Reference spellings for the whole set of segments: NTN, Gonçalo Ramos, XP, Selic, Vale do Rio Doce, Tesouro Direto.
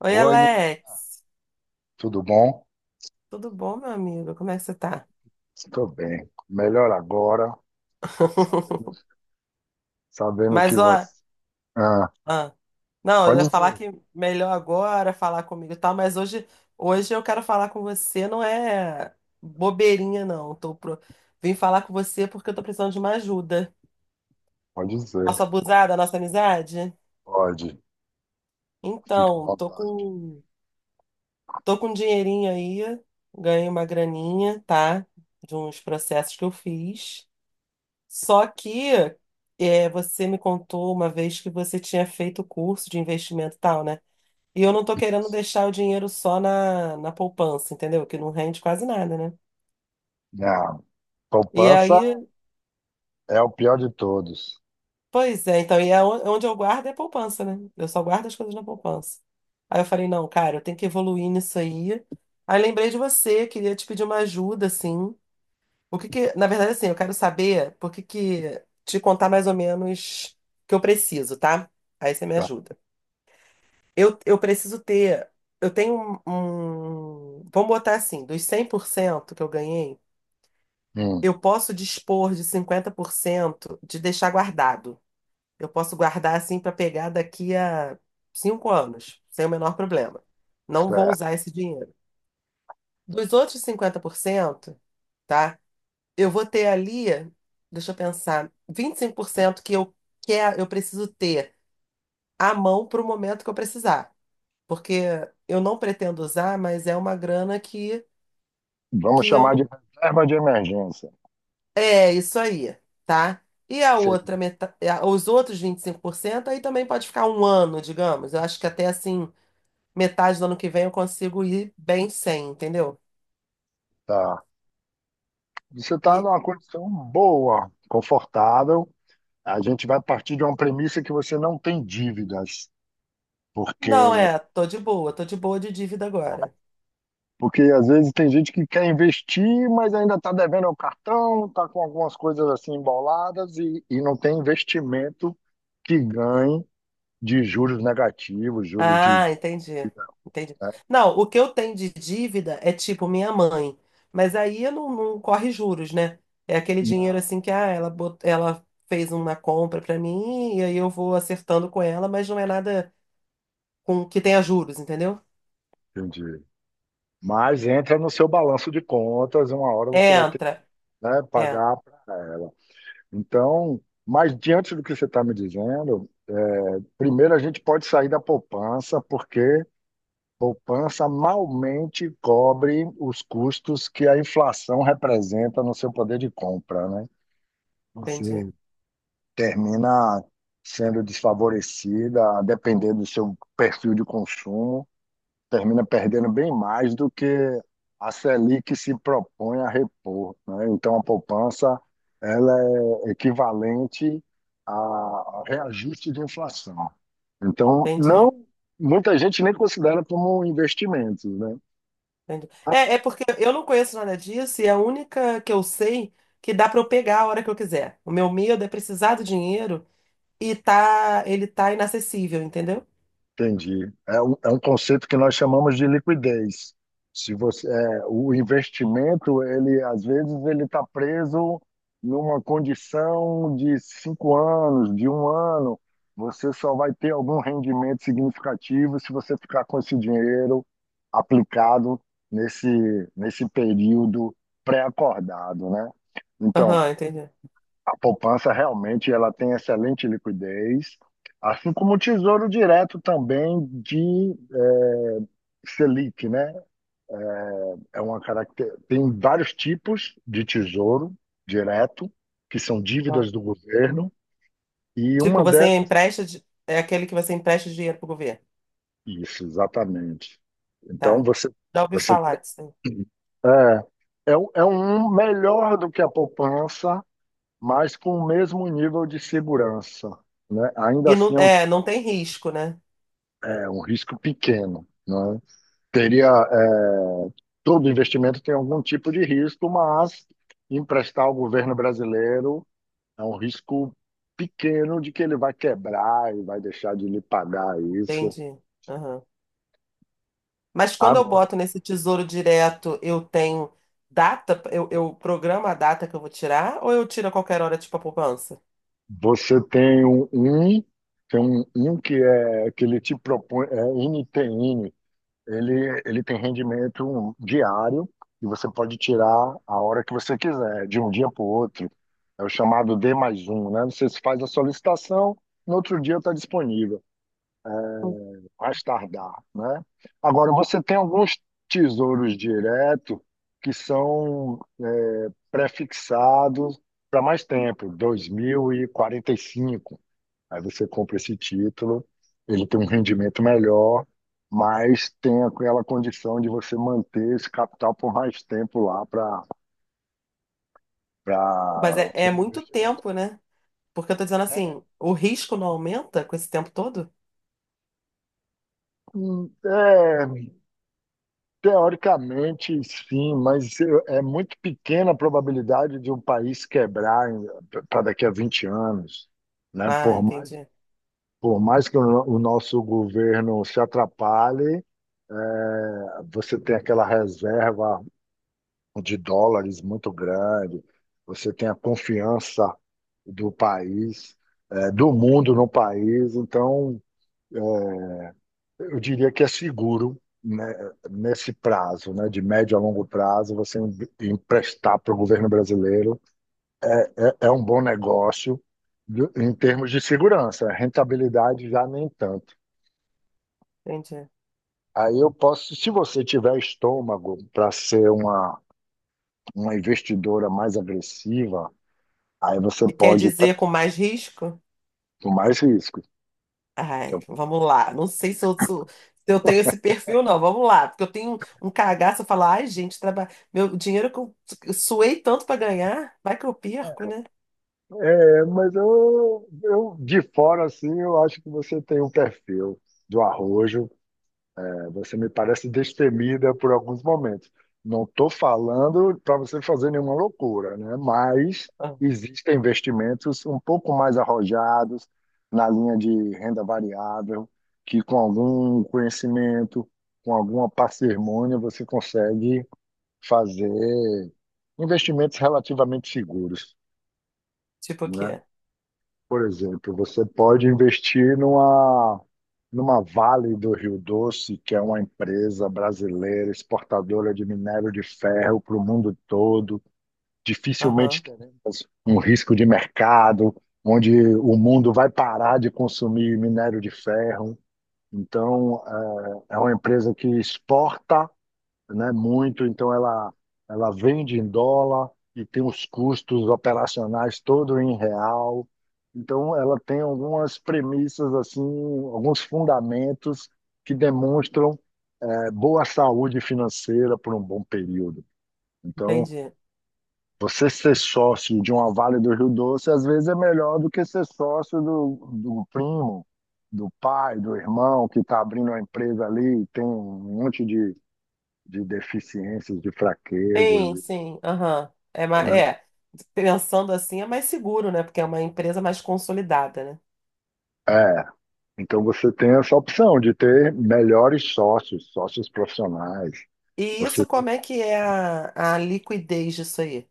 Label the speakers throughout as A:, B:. A: Oi,
B: Oi, Nini,
A: Alex.
B: tudo bom?
A: Tudo bom, meu amigo? Como é que você tá?
B: Estou bem. Melhor agora, sabendo, sabendo que
A: Mas, ó,
B: você. Ah,
A: ah, não, eu ia
B: pode
A: falar
B: dizer,
A: que melhor agora falar comigo e tal, mas hoje, hoje eu quero falar com você, não é bobeirinha, não. Tô pro... Vim falar com você porque eu tô precisando de uma ajuda.
B: pode
A: Posso
B: dizer,
A: abusar da nossa amizade?
B: pode, fica à
A: Então,
B: vontade.
A: tô com um dinheirinho aí, ganhei uma graninha, tá? De uns processos que eu fiz. Só que é, você me contou uma vez que você tinha feito curso de investimento e tal, né? E eu não tô querendo deixar o dinheiro só na poupança, entendeu? Que não rende quase nada, né?
B: Ah,
A: E
B: poupança
A: aí,
B: é o pior de todos.
A: pois é, então, e é onde eu guardo é a poupança, né? Eu só guardo as coisas na poupança. Aí eu falei, não, cara, eu tenho que evoluir nisso aí. Aí lembrei de você, queria te pedir uma ajuda, assim. O que que, na verdade, assim, eu quero saber por que que te contar mais ou menos o que eu preciso, tá? Aí você me
B: Tá?
A: ajuda. Eu preciso ter. Eu tenho um. Vamos botar assim: dos 100% que eu ganhei,
B: Hum,
A: eu posso dispor de 50% de deixar guardado. Eu posso guardar assim para pegar daqui a 5 anos, sem o menor problema. Não vou
B: certo.
A: usar esse dinheiro. Dos outros 50%, tá? Eu vou ter ali, deixa eu pensar, 25% que eu, eu preciso ter à mão para o momento que eu precisar. Porque eu não pretendo usar, mas é uma grana
B: Vamos
A: que eu
B: chamar
A: não.
B: de reserva de emergência.
A: É isso aí, tá? E a outra
B: Seria.
A: metade, os outros 25% aí também pode ficar um ano, digamos. Eu acho que até assim, metade do ano que vem eu consigo ir bem sem, entendeu?
B: Tá. Você está
A: E
B: numa condição boa, confortável. A gente vai partir de uma premissa que você não tem dívidas, porque
A: não, é, tô de boa de dívida agora.
B: Porque às vezes tem gente que quer investir, mas ainda está devendo ao cartão, está com algumas coisas assim emboladas e não tem investimento que ganhe de juros negativos, juros de
A: Ah, entendi.
B: dívida,
A: Entendi.
B: né?
A: Não, o que eu tenho de dívida é tipo minha mãe, mas aí não corre juros, né? É aquele dinheiro
B: Não,
A: assim que ah, ela, ela fez uma compra pra mim e aí eu vou acertando com ela, mas não é nada com que tenha juros, entendeu?
B: entendi. Mas entra no seu balanço de contas, uma hora você vai ter que,
A: Entra.
B: né,
A: É,
B: pagar para ela. Então, mas diante do que você está me dizendo, é, primeiro a gente pode sair da poupança, porque poupança malmente cobre os custos que a inflação representa no seu poder de compra, né?
A: entendi.
B: Você termina sendo desfavorecida, dependendo do seu perfil de consumo, termina perdendo bem mais do que a Selic se propõe a repor, né? Então a poupança ela é equivalente a a reajuste de inflação. Então,
A: Entendi.
B: não muita gente nem considera como investimentos, né?
A: Entendi. É, é porque eu não conheço nada disso e é a única que eu sei que dá pra eu pegar a hora que eu quiser. O meu medo é precisar do dinheiro e tá, ele tá inacessível, entendeu?
B: Entendi. É um conceito que nós chamamos de liquidez. Se você, é, o investimento, ele às vezes ele está preso numa condição de 5 anos, de um ano. Você só vai ter algum rendimento significativo se você ficar com esse dinheiro aplicado nesse, nesse período pré-acordado, né? Então,
A: Aham, entendi.
B: a poupança realmente ela tem excelente liquidez, assim como o Tesouro Direto também de Selic, né? Tem vários tipos de tesouro direto, que são
A: Ah.
B: dívidas do governo, e
A: Tipo,
B: uma
A: você
B: delas,
A: empresta, é aquele que você empresta dinheiro pro governo,
B: isso, exatamente. Então
A: tá?
B: você
A: Já ouvi
B: você
A: falar
B: tem-
A: disso. Aí.
B: é, é um melhor do que a poupança, mas com o mesmo nível de segurança, né? Ainda
A: E não,
B: assim é um,
A: é, não tem risco, né?
B: é um risco pequeno, né? Teria todo investimento tem algum tipo de risco, mas emprestar ao governo brasileiro é um risco pequeno de que ele vai quebrar e vai deixar de lhe pagar isso.
A: Entendi. Aham. Mas quando eu
B: Agora,
A: boto nesse tesouro direto, eu tenho data, eu programo a data que eu vou tirar, ou eu tiro a qualquer hora, tipo a poupança?
B: você tem tem um que é que ele te propõe, é NTN, ele tem rendimento diário e você pode tirar a hora que você quiser, de um dia para o outro. É o chamado D mais um, né? Você faz a solicitação, no outro dia está disponível.
A: Hum.
B: Mais tardar, né? Agora, você tem alguns tesouros direto que são é, prefixados para mais tempo, dois mil e quarenta e cinco. Aí você compra esse título, ele tem um rendimento melhor, mas tem aquela condição de você manter esse capital por mais tempo lá para
A: Mas é,
B: o
A: é
B: fundo de
A: muito
B: investimento.
A: tempo, né? Porque eu tô dizendo
B: É,
A: assim, o risco não aumenta com esse tempo todo?
B: é Teoricamente, sim, mas eu- é muito pequena a probabilidade de um país quebrar para daqui a 20 anos, né?
A: Ah,
B: Por mais,
A: entendi,
B: por mais que o nosso governo se atrapalhe, é, você tem aquela reserva de dólares muito grande, você tem a confiança do país, é, do mundo no país, então eu diria que é seguro, né, nesse prazo, né, de médio a longo prazo, você em- emprestar para o governo brasileiro é, é um bom negócio de- em termos de segurança, rentabilidade já nem tanto.
A: entendi.
B: Aí eu posso, se você tiver estômago para ser uma investidora mais agressiva, aí você
A: E quer
B: pode ter
A: dizer com mais risco?
B: mais riscos.
A: Ai,
B: Então,
A: vamos lá. Não sei se eu, se eu tenho esse perfil, não. Vamos lá. Porque eu tenho um cagaço, eu falo, ai, gente, meu dinheiro que eu suei tanto pra ganhar, vai que eu perco, né?
B: é, mas eu de fora assim, eu acho que você tem um perfil do arrojo. Você me parece destemida por alguns momentos. Não estou falando para você fazer nenhuma loucura, né? Mas
A: Ah,
B: existem investimentos um pouco mais arrojados na linha de renda variável, que com algum conhecimento, com alguma parcimônia, você consegue fazer investimentos relativamente seguros,
A: tipo o
B: né?
A: quê?
B: Por exemplo, você pode investir numa Vale do Rio Doce, que é uma empresa brasileira exportadora de minério de ferro para o mundo todo. Dificilmente
A: Aham.
B: teremos um risco de mercado, onde o mundo vai parar de consumir minério de ferro. Então, é uma empresa que exporta, né? Muito, então ela vende em dólar e tem os custos operacionais todo em real. Então ela tem algumas premissas assim, alguns fundamentos que demonstram boa saúde financeira por um bom período. Então
A: Entendi.
B: você ser sócio de uma Vale do Rio Doce às vezes é melhor do que ser sócio do primo, do pai, do irmão que está abrindo uma empresa ali, e tem um monte de deficiências, de
A: Sim,
B: fraquezas,
A: sim, aham. É,
B: né?
A: é, pensando assim é mais seguro, né? Porque é uma empresa mais consolidada, né?
B: É, então você tem essa opção de ter melhores sócios, sócios profissionais.
A: E
B: Você
A: isso, como é que é a liquidez disso aí?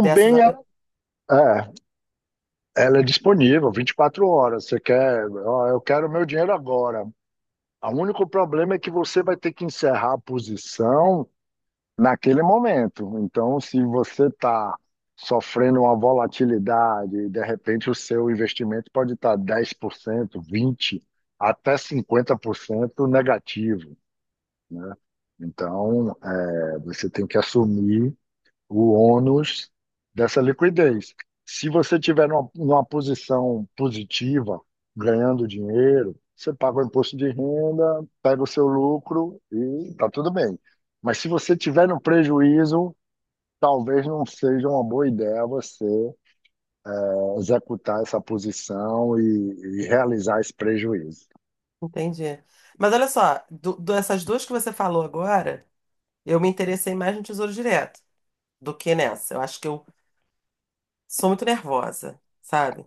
A: Dessas, eu-
B: é, ela é disponível 24 horas. Você quer, ó, eu quero meu dinheiro agora. O único problema é que você vai ter que encerrar a posição naquele momento. Então, se você está sofrendo uma volatilidade, e de repente o seu investimento pode estar 10%, 20%, até 50% negativo. Então, é, você tem que assumir o ônus dessa liquidez. Se você tiver numa posição positiva, ganhando dinheiro, você paga o imposto de renda, pega o seu lucro e tá tudo bem. Mas se você tiver no prejuízo, talvez não seja uma boa ideia você executar essa posição e realizar esse prejuízo.
A: entendi. Mas olha só, dessas duas que você falou agora, eu me interessei mais no Tesouro Direto do que nessa. Eu acho que eu sou muito nervosa, sabe?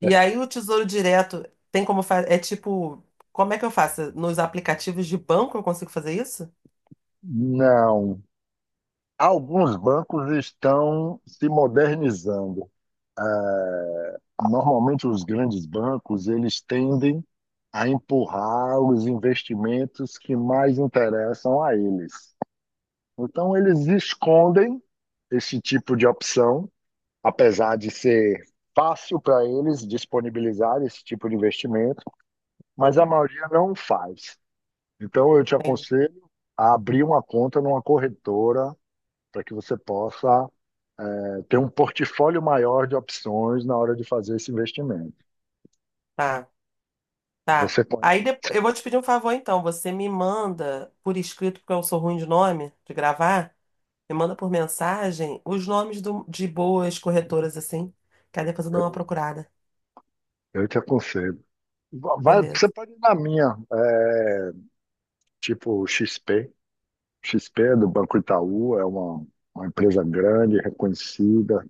A: E aí o Tesouro Direto tem como fazer, é tipo, como é que eu faço? Nos aplicativos de banco eu consigo fazer isso?
B: Não. Alguns bancos estão se modernizando. Normalmente, os grandes bancos eles tendem a empurrar os investimentos que mais interessam a eles. Então, eles escondem esse tipo de opção, apesar de ser fácil para eles disponibilizar esse tipo de investimento, mas a
A: Hum,
B: maioria não faz. Então, eu te
A: tem.
B: aconselho a abrir uma conta numa corretora para que você possa ter um portfólio maior de opções na hora de fazer esse investimento.
A: Tá. Tá.
B: Você
A: Aí
B: conhece, você
A: depois, eu
B: con-
A: vou te pedir um favor então. Você me manda por escrito, porque eu sou ruim de nome, de gravar. Me manda por mensagem os nomes de boas corretoras assim. Que aí depois eu dou uma
B: eu,
A: procurada.
B: eu te aconselho. Vai, você
A: Beleza,
B: pode ir na minha, tipo XP. XP é do Banco Itaú, é uma empresa grande, reconhecida.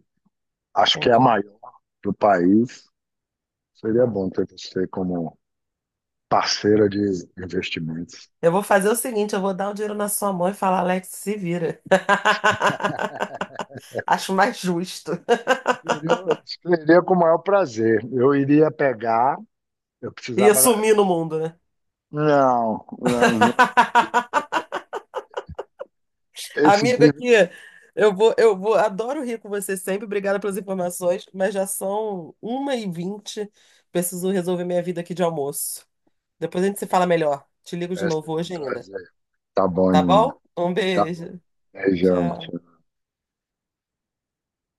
B: Acho que é a
A: entendi.
B: maior do país. Seria
A: Tá.
B: bom ter você como parceira de investimentos.
A: Eu vou fazer o seguinte: eu vou dar o dinheiro na sua mão e falar, Alex, se vira. Acho mais justo.
B: Seria com o maior prazer. Eu iria pegar, eu
A: E
B: precisava.
A: sumir no mundo, né?
B: Não, não, não. Esse, pri-
A: Amiga, aqui, eu vou, adoro rir com você sempre. Obrigada pelas informações, mas já são 1:20. Preciso resolver minha vida aqui de almoço. Depois a gente se fala melhor. Te ligo de
B: Esse é
A: novo
B: meu
A: hoje ainda.
B: prazer. Tá bom,
A: Tá
B: Nina.
A: bom? Um
B: Tá bom.
A: beijo.
B: Beijão.
A: Tchau.